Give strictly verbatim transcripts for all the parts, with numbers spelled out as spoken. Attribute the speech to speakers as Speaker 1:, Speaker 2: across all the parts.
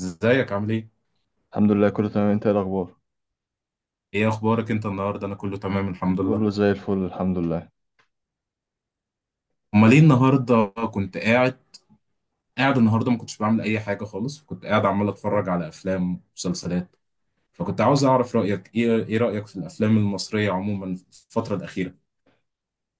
Speaker 1: ازيك عامل ايه؟
Speaker 2: الحمد لله، كله تمام. انت ايه الاخبار؟
Speaker 1: ايه اخبارك انت النهارده؟ انا كله تمام الحمد لله.
Speaker 2: كله زي الفل، الحمد لله.
Speaker 1: امال ايه النهارده؟ كنت قاعد قاعد النهارده ما كنتش بعمل اي حاجه خالص، كنت قاعد عمال اتفرج على افلام ومسلسلات. فكنت عاوز اعرف رايك، ايه ايه رايك في الافلام المصريه عموما في الفتره الاخيره؟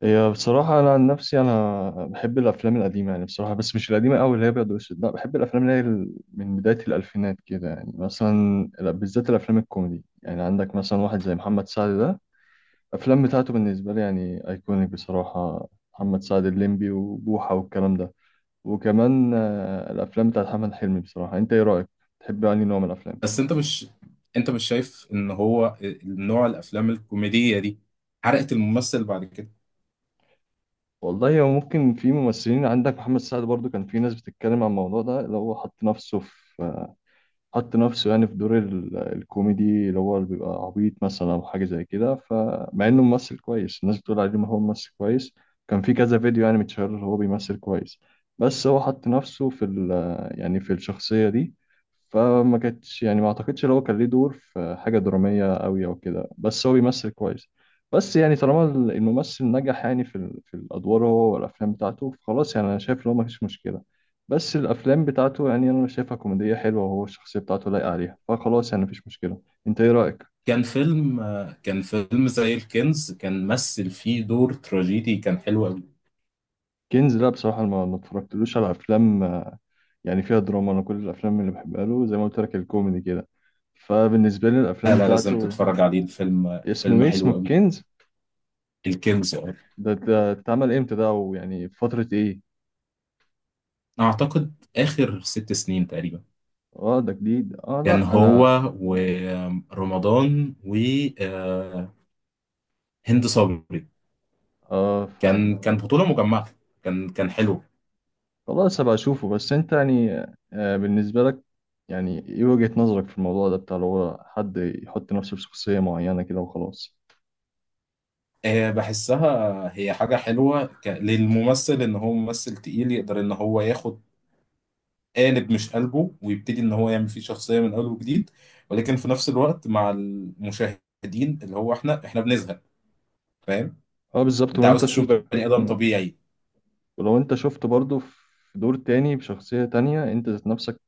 Speaker 2: هي بصراحه انا عن نفسي انا بحب الافلام القديمه يعني بصراحه، بس مش القديمه قوي اللي هي ابيض واسود. لا، بحب الافلام اللي هي ال- من بدايه الالفينات كده، يعني مثلا ال- بالذات الافلام الكوميدي. يعني عندك مثلا واحد زي محمد سعد ده، الافلام بتاعته بالنسبه لي يعني ايكونيك بصراحه. محمد سعد، الليمبي وبوحه والكلام ده. وكمان آه، الافلام بتاعت محمد حلمي بصراحه. انت ايه رايك؟ تحب يعني نوع من الافلام؟
Speaker 1: بس انت مش انت مش شايف ان هو نوع الافلام الكوميديه دي حرقت الممثل بعد كده؟
Speaker 2: والله هو ممكن في ممثلين، عندك محمد سعد برضو كان في ناس بتتكلم عن الموضوع ده اللي هو حط نفسه في حط نفسه يعني في دور ال- الكوميدي اللي هو اللي بيبقى عبيط مثلا او حاجه زي كده. فمع انه ممثل كويس، الناس بتقول عليه ما هو ممثل كويس. كان في كذا فيديو يعني متشهر هو بيمثل كويس. بس هو حط نفسه في ال يعني في الشخصيه دي. فما كانتش يعني ما اعتقدش ان هو كان ليه دور في حاجه دراميه قوي او كده، بس هو بيمثل كويس. بس يعني طالما الممثل نجح يعني في ال- في الادوار هو والافلام بتاعته، فخلاص يعني انا شايف ان هو ما فيش مشكله. بس الافلام بتاعته يعني انا شايفها كوميديه حلوه، وهو الشخصيه بتاعته لايقه عليها، فخلاص يعني مفيش مشكله. انت ايه رايك؟
Speaker 1: كان فيلم كان فيلم زي الكنز كان مثل فيه دور تراجيدي، كان حلو قوي.
Speaker 2: كنز؟ لا بصراحه ما ما اتفرجتلوش على افلام آه، يعني فيها دراما. انا كل الافلام اللي بحبها له زي ما قلت لك الكوميدي كده، فبالنسبه لي
Speaker 1: لا
Speaker 2: الافلام
Speaker 1: لا، لازم
Speaker 2: بتاعته.
Speaker 1: تتفرج عليه، الفيلم
Speaker 2: اسمه
Speaker 1: فيلم
Speaker 2: ايه؟ اسمه
Speaker 1: حلو قوي.
Speaker 2: الكنز؟
Speaker 1: الكينجز، اه.
Speaker 2: ده ده اتعمل امتى ده؟ ويعني في فتره ايه؟
Speaker 1: اعتقد اخر ست سنين تقريبا.
Speaker 2: اه ده جديد. اه
Speaker 1: كان
Speaker 2: لا
Speaker 1: هو،
Speaker 2: انا.
Speaker 1: ورمضان وهند صبري.
Speaker 2: اه فهمت.
Speaker 1: كان كان بطولة مجمعة، كان كان حلو.
Speaker 2: خلاص هبقى اشوفه. بس انت يعني آه، بالنسبة لك، يعني ايه وجهة نظرك في الموضوع ده بتاع اللي هو حد يحط نفسه في شخصية معينة كده وخلاص؟
Speaker 1: آه، بحسها هي حاجة حلوة ك- للممثل، ان هو ممثل تقيل يقدر ان هو ياخد قالب مش قلبه ويبتدي ان هو يعمل فيه شخصية من اول وجديد، ولكن في نفس الوقت مع المشاهدين اللي هو احنا احنا بنزهق. فاهم؟
Speaker 2: اه بالظبط.
Speaker 1: انت
Speaker 2: ولو
Speaker 1: عاوز
Speaker 2: انت
Speaker 1: تشوف
Speaker 2: شفته.
Speaker 1: بني ادم
Speaker 2: مم.
Speaker 1: طبيعي.
Speaker 2: ولو انت شفته برضه في دور تاني بشخصية تانية، انت ذات نفسك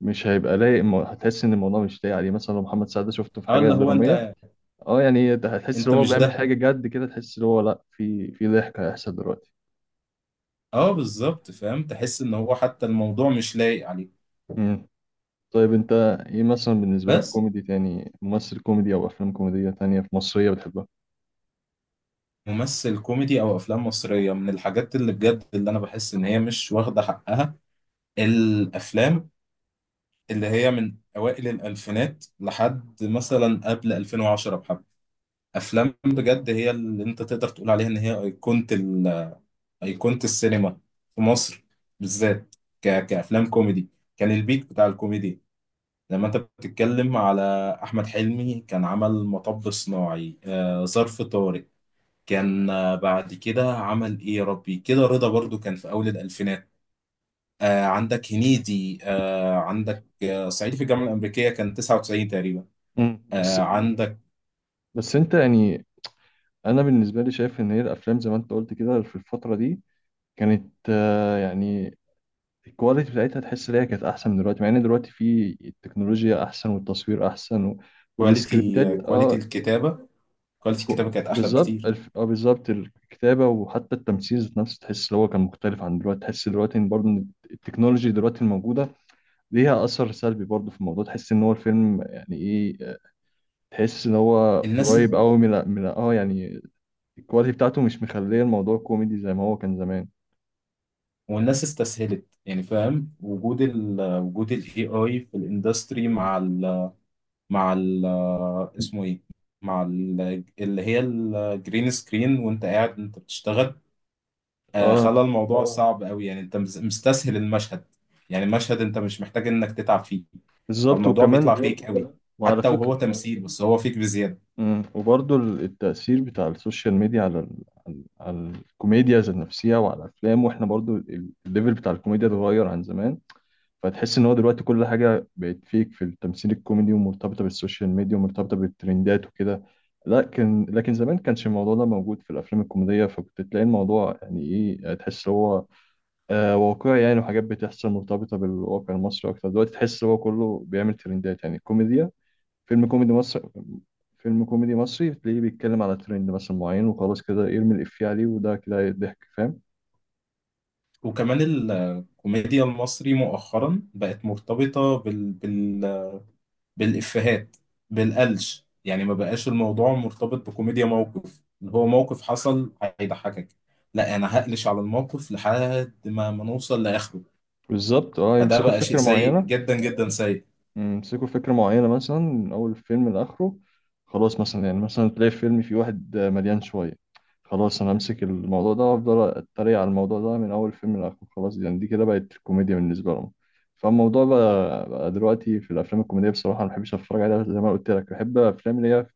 Speaker 2: مش هيبقى لايق. مو- هتحس ان الموضوع مش لايق عليه، مثلا لو محمد سعد شفته في
Speaker 1: اه،
Speaker 2: حاجة
Speaker 1: اللي هو
Speaker 2: درامية،
Speaker 1: انت،
Speaker 2: اه يعني ده هتحس ان
Speaker 1: انت
Speaker 2: هو
Speaker 1: مش
Speaker 2: بيعمل
Speaker 1: ده.
Speaker 2: حاجة جد كده. تحس ان هو لا، في في ضحك هيحصل دلوقتي.
Speaker 1: اه بالظبط، فاهم، تحس ان هو حتى الموضوع مش لايق عليه.
Speaker 2: طيب انت ايه مثلا بالنسبة لك
Speaker 1: بس
Speaker 2: كوميدي تاني، ممثل كوميدي او افلام كوميدية تانية في مصرية بتحبها؟
Speaker 1: ممثل كوميدي او افلام مصريه، من الحاجات اللي بجد اللي انا بحس ان هي مش واخده حقها، الافلام اللي هي من اوائل الالفينات لحد مثلا قبل الفين وعشرة، بحب افلام بجد هي اللي انت تقدر تقول عليها ان هي ايقونه ال- ايقونه السينما في مصر بالذات، ك... كافلام كوميدي. كان البيك بتاع الكوميديا. لما انت بتتكلم على احمد حلمي، كان عمل مطب صناعي، آه، ظرف طارق، كان آه، بعد كده عمل ايه يا ربي كده، رضا برضو كان في اول الالفينات. آه، عندك هنيدي، آه، عندك آه، صعيدي في الجامعه الامريكيه كان تسعه وتسعين تقريبا.
Speaker 2: امم
Speaker 1: آه،
Speaker 2: بس
Speaker 1: عندك
Speaker 2: بس انت يعني، انا بالنسبة لي شايف ان هي الافلام زي ما انت قلت كده في الفترة دي كانت آه، يعني الكواليتي بتاعتها تحس ان هي كانت احسن من دلوقتي، مع ان دلوقتي في التكنولوجيا احسن والتصوير احسن و...
Speaker 1: كواليتي،
Speaker 2: والسكريبتات
Speaker 1: آه، كواليتي
Speaker 2: اه.
Speaker 1: الكتابه كواليتي
Speaker 2: كو-
Speaker 1: الكتابه كانت احلى
Speaker 2: بالظبط
Speaker 1: بكتير.
Speaker 2: الف... اه بالظبط الكتابة، وحتى التمثيل ذات نفسه تحس ان هو كان مختلف عن دلوقتي. تحس دلوقتي ان برضه ان التكنولوجي دلوقتي الموجودة ليها أثر سلبي برضه في الموضوع. تحس إن هو الفيلم يعني إيه، تحس إن هو
Speaker 1: الناس
Speaker 2: قريب أوي من من آه يعني الكواليتي بتاعته مش مخلية الموضوع كوميدي زي ما هو كان زمان.
Speaker 1: والناس استسهلت، يعني فاهم، وجود ال وجود الاي اي في الاندستري، مع ال مع ال اسمه ايه؟ مع ال اللي هي الجرين سكرين، وانت قاعد انت بتشتغل، آه
Speaker 2: آه
Speaker 1: خلى الموضوع اه صعب قوي. يعني انت مس- مستسهل المشهد، يعني المشهد انت مش محتاج انك تتعب فيه،
Speaker 2: بالظبط.
Speaker 1: فالموضوع بيطلع
Speaker 2: وكمان
Speaker 1: غير، فيك بالظبط قوي كده،
Speaker 2: وعلى
Speaker 1: حتى
Speaker 2: فكرة.
Speaker 1: وهو تمثيل بس هو فيك بزيادة.
Speaker 2: مم. وبرضه ال- التأثير بتاع السوشيال ميديا على ال... على على الكوميديا ذات نفسها وعلى الأفلام. وإحنا برضه ال- الليفل بتاع الكوميديا اتغير عن زمان. فتحس ان هو دلوقتي كل حاجه بقت فيك في التمثيل الكوميدي ومرتبطه بالسوشيال ميديا ومرتبطه بالترندات وكده. لكن لكن زمان كانش الموضوع ده موجود في الافلام الكوميديه، فكنت تلاقي الموضوع يعني ايه، تحس هو آه واقعي يعني، وحاجات بتحصل مرتبطه بالواقع المصري اكتر. دلوقتي تحس هو كله بيعمل ترندات، يعني كوميديا، فيلم كوميدي مصري، فيلم كوميدي مصري تلاقيه بيتكلم على ترند مثلا معين وخلاص كده يرمي الإفيه عليه، وده كده ضحك فاهم.
Speaker 1: وكمان الكوميديا المصري مؤخرا بقت مرتبطة بال... بال... بالإفيهات، بالقلش. يعني ما بقاش الموضوع مرتبط بكوميديا موقف، اللي هو موقف حصل هيضحكك. لا، أنا هقلش على الموقف لحد ما ما نوصل لآخره.
Speaker 2: بالظبط اه.
Speaker 1: فده
Speaker 2: يمسكوا
Speaker 1: بقى شيء
Speaker 2: فكرة
Speaker 1: سيء،
Speaker 2: معينة
Speaker 1: جدا جدا سيء.
Speaker 2: امسكوا فكرة معينة مثلا من أول فيلم لآخره. خلاص مثلا، يعني مثلا تلاقي فيلم فيه واحد مليان شوية، خلاص أنا أمسك الموضوع ده وأفضل أتريق على الموضوع ده من أول فيلم لآخره. خلاص يعني دي كده بقت الكوميديا بالنسبة لهم. فالموضوع بقى, بقى دلوقتي في الأفلام الكوميدية بصراحة ما بحبش أتفرج عليها، زي ما قلت لك بحب الأفلام اللي هي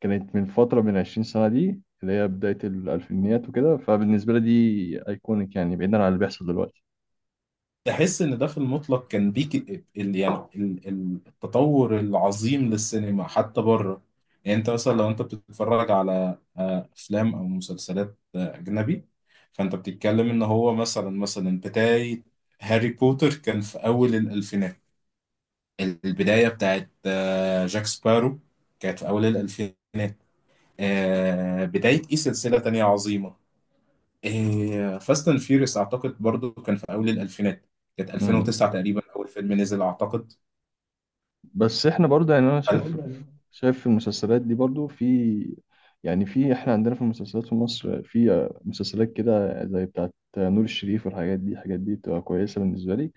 Speaker 2: كانت من فترة من عشرين سنة دي اللي هي بداية الألفينيات وكده. فبالنسبة لي دي أيكونيك يعني بعيدا عن اللي بيحصل
Speaker 1: احس ان ده في المطلق كان بيك، ال يعني ال- ال- التطور العظيم للسينما حتى بره. يعني انت مثلا لو انت بتتفرج على آه، افلام او مسلسلات آه، اجنبي، فانت بتتكلم ان هو، مثلا مثلا بداية هاري بوتر كان في اول الالفينات، البداية بتاعت آه، جاك سبارو كانت في اول الالفينات، آه، بداية ايه، سلسلة تانية عظيمة، فاست اند فيوريوس اعتقد برضو كان في اول الالفينات، كانت
Speaker 2: دلوقتي.
Speaker 1: الفين وتسعه تقريبا اول فيلم نزل اعتقد.
Speaker 2: بس احنا برضه يعني انا شايف،
Speaker 1: أنا-
Speaker 2: شايف في المسلسلات دي برضه في، يعني في، احنا عندنا في المسلسلات في مصر في مسلسلات كده زي بتاعت نور الشريف. والحاجات دي الحاجات دي بتبقى كويسة بالنسبة لي.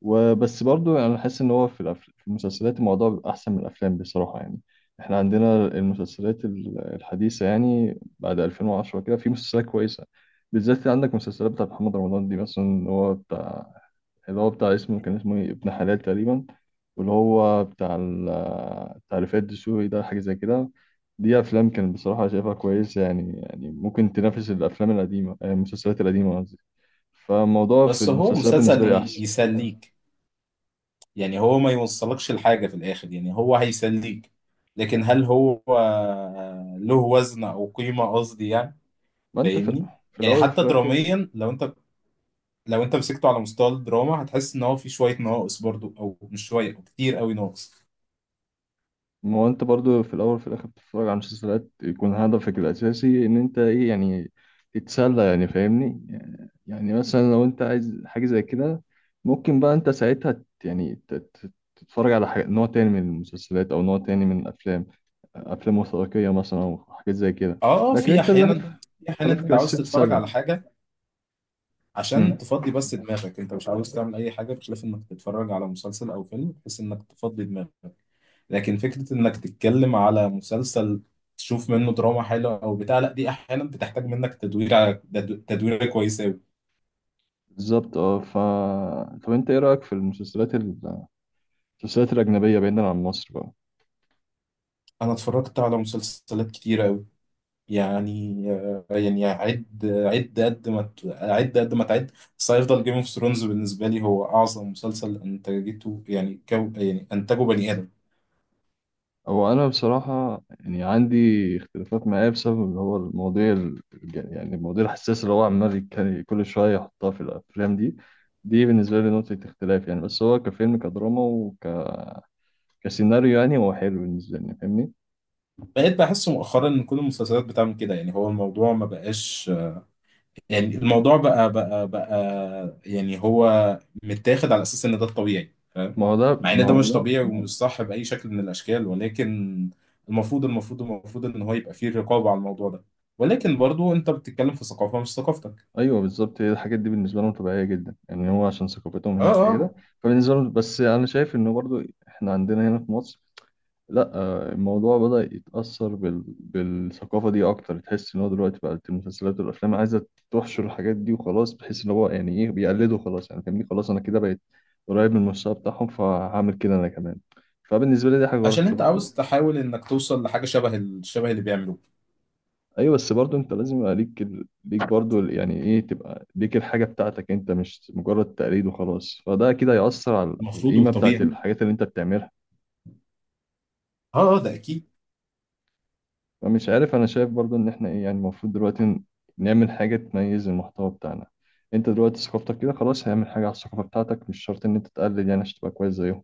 Speaker 2: وبس برضه انا حاسس ان هو في الأف- في المسلسلات الموضوع بيبقى احسن من الافلام بصراحة. يعني احنا عندنا المسلسلات ال- الحديثة يعني بعد ألفين وعشرة كده في مسلسلات كويسة، بالذات عندك مسلسلات بتاعت محمد رمضان دي. مثلا هو بتاع، اللي هو بتاع، اسمه كان اسمه إيه؟ ابن حلال تقريبا. واللي هو بتاع ال بتاع رفاعي الدسوقي ده حاجة زي كده. دي أفلام كان بصراحة شايفها كويسة يعني، يعني ممكن تنافس الأفلام القديمة، آه، المسلسلات القديمة قصدي. فالموضوع في
Speaker 1: بس هو
Speaker 2: المسلسلات بالنسبة
Speaker 1: مسلسل
Speaker 2: لي
Speaker 1: ي-
Speaker 2: أحسن.
Speaker 1: يسليك، يعني هو ما يوصلكش لحاجة في الاخر، يعني هو هيسليك. لكن هل هو آه، له وزن او قيمة، قصدي يعني،
Speaker 2: ما أنت في,
Speaker 1: فاهمني؟
Speaker 2: في
Speaker 1: يعني
Speaker 2: الأول وفي
Speaker 1: حتى
Speaker 2: الآخر،
Speaker 1: دراميا، لو انت لو انت مسكته على مستوى الدراما هتحس ان هو في شوية ناقص برضو، او مش شوية، كتير قوي ناقص.
Speaker 2: ما هو انت برضو في الاول وفي الاخر بتتفرج على مسلسلات يكون هدفك الاساسي ان انت ايه يعني، تتسلى يعني فاهمني. يعني مثلا لو انت عايز حاجه زي كده، ممكن بقى انت ساعتها ت- يعني ت- ت- تتفرج على حاجة نوع تاني من المسلسلات او نوع تاني من الافلام، افلام وثائقيه مثلا او حاجات زي كده.
Speaker 1: اه، آه،
Speaker 2: لكن
Speaker 1: في
Speaker 2: انت بقى
Speaker 1: احيانا
Speaker 2: هدف-
Speaker 1: في احيانا
Speaker 2: هدفك
Speaker 1: انت عاوز
Speaker 2: الاساسي
Speaker 1: تتفرج على
Speaker 2: تتسلى.
Speaker 1: حاجة
Speaker 2: امم،
Speaker 1: عشان تفضي بس دماغك، انت مش عاوز تعمل اي حاجه بخلاف انك تتفرج على مسلسل او فيلم بحيث انك تفضي دماغك. لكن فكره انك تتكلم على مسلسل تشوف منه دراما حلوه او بتاع، لا، دي احيانا بتحتاج منك تدوير ع- تد- تدوير كويس قوي.
Speaker 2: بالظبط اه. ف طب انت ايه رايك في المسلسلات ال- المسلسلات الاجنبيه بعيدا عن مصر بقى؟
Speaker 1: انا اتفرجت على مسلسلات كتيره قوي، يعني آه، يعني عد عد قد ما ت- عد قد ما تعد، بس هيفضل جيم اوف ثرونز بالنسبه لي هو اعظم مسلسل انتجته، يعني كو يعني انتجه بني ادم.
Speaker 2: هو أنا بصراحة يعني عندي اختلافات معاه بسبب اللي هو المواضيع ال- يعني المواضيع الحساسة اللي هو عمال يتك- كل شوية يحطها في الأفلام دي. دي بالنسبة لي نقطة اختلاف يعني، بس هو كفيلم كدراما وكسيناريو يعني هو حلو بالنسبة لي فاهمني؟
Speaker 1: بقيت بحس مؤخرا ان كل المسلسلات بتعمل كده، يعني هو الموضوع ما بقاش، يعني الموضوع بقى بقى بقى، يعني هو متاخد على اساس ان ده الطبيعي، فاهم؟
Speaker 2: ما هو ده
Speaker 1: مع ان
Speaker 2: ما
Speaker 1: ده مش
Speaker 2: هو
Speaker 1: بالظبط طبيعي ومش صح باي شكل من الاشكال، ولكن المفروض المفروض المفروض ان هو يبقى فيه رقابة على الموضوع ده. ولكن برضو انت بتتكلم في ثقافة مش ثقافتك.
Speaker 2: أيوه بالظبط. هي الحاجات دي بالنسبة لهم طبيعية جدا، يعني هو عشان ثقافتهم
Speaker 1: اه
Speaker 2: هناك
Speaker 1: اه.
Speaker 2: قليلة. فبالنسبة لهم، بس أنا شايف إنه برضو إحنا عندنا هنا في مصر لا، آه، الموضوع بدأ يتأثر بال... بالثقافة دي أكتر. تحس إن هو دلوقتي بقت المسلسلات والأفلام عايزة تحشر الحاجات دي وخلاص، بحيث إن هو يعني إيه بيقلدوا. خلاص يعني فاهمني، خلاص أنا كده بقيت قريب من المستوى بتاعهم فهعمل كده أنا كمان. فبالنسبة لي دي حاجة غلط.
Speaker 1: عشان
Speaker 2: أنت
Speaker 1: انت
Speaker 2: المفروض،
Speaker 1: عاوز تحاول انك توصل لحاجة شبه ال- شبه اللي بيعملوه.
Speaker 2: أيوه، بس برضه أنت لازم يبقى ليك ال... ليك برضه ال- يعني إيه، تبقى ليك الحاجة بتاعتك أنت مش مجرد تقليد وخلاص. فده كده هيأثر على على
Speaker 1: المفروض
Speaker 2: القيمة بتاعت
Speaker 1: والطبيعي.
Speaker 2: الحاجات اللي أنت بتعملها.
Speaker 1: اه اه، ده اكيد.
Speaker 2: فمش عارف انا شايف برضو ان احنا ايه، يعني المفروض دلوقتي ن- نعمل حاجة تميز المحتوى بتاعنا. انت دلوقتي ثقافتك كده، خلاص هعمل حاجة على الثقافة بتاعتك، مش شرط ان انت تقلد يعني عشان تبقى كويس زيهم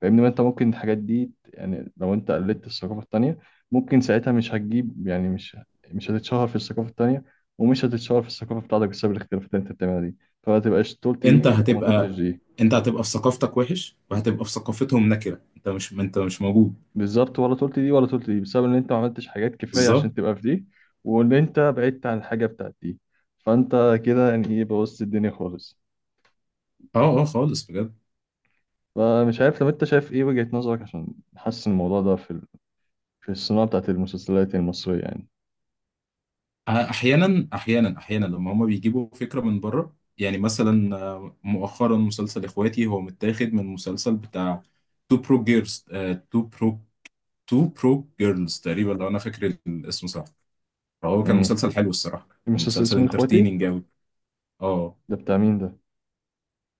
Speaker 2: فاهمني. ما انت ممكن الحاجات دي يعني لو انت قلدت الثقافة التانية، ممكن ساعتها مش هتجيب يعني مش مش هتتشهر في الثقافة التانية ومش هتتشهر في الثقافة بتاعتك بسبب الاختلافات اللي انت بتعملها دي. فما تبقاش طولت
Speaker 1: انت
Speaker 2: دي وما
Speaker 1: هتبقى
Speaker 2: طولتش دي،
Speaker 1: انت هتبقى في ثقافتك وحش، وهتبقى في ثقافتهم نكره، انت مش انت مش موجود.
Speaker 2: بالظبط. ولا طولت دي ولا طولت دي بسبب ان انت ما عملتش حاجات كفايه
Speaker 1: بالظبط.
Speaker 2: عشان تبقى في دي، وان انت بعدت عن الحاجه بتاعت دي. فانت كده يعني ايه بوظت الدنيا خالص.
Speaker 1: اه اه، خالص بجد.
Speaker 2: فمش عارف لو انت شايف ايه وجهه نظرك عشان نحسن الموضوع ده في ال... في الصناعه بتاعت المسلسلات المصريه يعني.
Speaker 1: اه، احيانا احيانا احيانا لما هما بيجيبوا فكره من بره، يعني مثلا اه، مؤخرا مسلسل اخواتي هو متاخد من مسلسل بتاع تو برو جيرلز تو برو تو برو جيرلز تقريبا، لو انا فاكر الاسم صح. فهو كان
Speaker 2: امم
Speaker 1: مسلسل حلو الصراحه،
Speaker 2: المسلسل
Speaker 1: مسلسل
Speaker 2: اسمه اخواتي؟
Speaker 1: انترتيننج قوي. اه.
Speaker 2: ده بتاع مين ده؟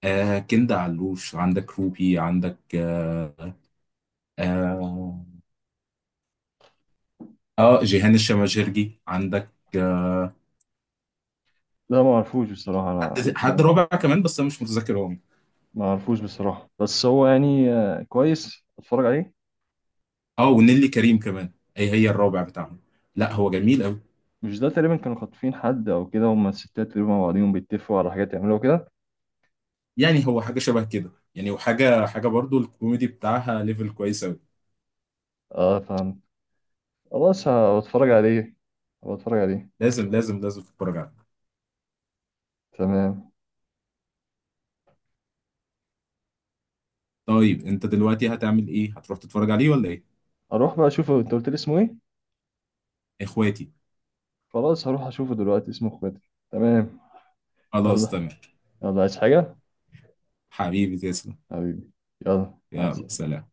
Speaker 1: آه، كندا علوش، عندك روبي، عندك آه آه اه جيهان الشماجرجي، عندك آه،
Speaker 2: لا ما اعرفوش بصراحه انا،
Speaker 1: حد حد رابع كمان بس انا مش متذكر هو مين.
Speaker 2: ما اعرفوش بصراحه. بس هو يعني آه، كويس اتفرج عليه.
Speaker 1: اه، ونيلي كريم كمان، هي هي الرابع بتاعهم. لا، هو جميل قوي،
Speaker 2: مش ده تقريبا كانوا خاطفين حد او كده، هما الستات تقريبا مع بعضيهم بيتفقوا على حاجات يعملوها كده.
Speaker 1: يعني هو حاجه شبه كده، يعني وحاجه حاجه برضو الكوميدي بتاعها ليفل كويس قوي.
Speaker 2: اه خلاص هتفرج عليه، هتفرج عليه.
Speaker 1: لازم لازم لازم تتفرج عليه.
Speaker 2: تمام،
Speaker 1: طيب، انت دلوقتي هتعمل ايه، هتروح تتفرج عليه ولا ايه؟
Speaker 2: اروح بقى اشوفه. انت قلت لي اسمه ايه؟
Speaker 1: اخواتي.
Speaker 2: خلاص هروح اشوفه دلوقتي، اسمه اخواتي. تمام.
Speaker 1: خلاص
Speaker 2: يلا.
Speaker 1: تمام.
Speaker 2: يلا عايز حاجة؟
Speaker 1: حبيبي تسلم.
Speaker 2: حبيبي. يلا مع
Speaker 1: يلا
Speaker 2: السلامة.
Speaker 1: سلام.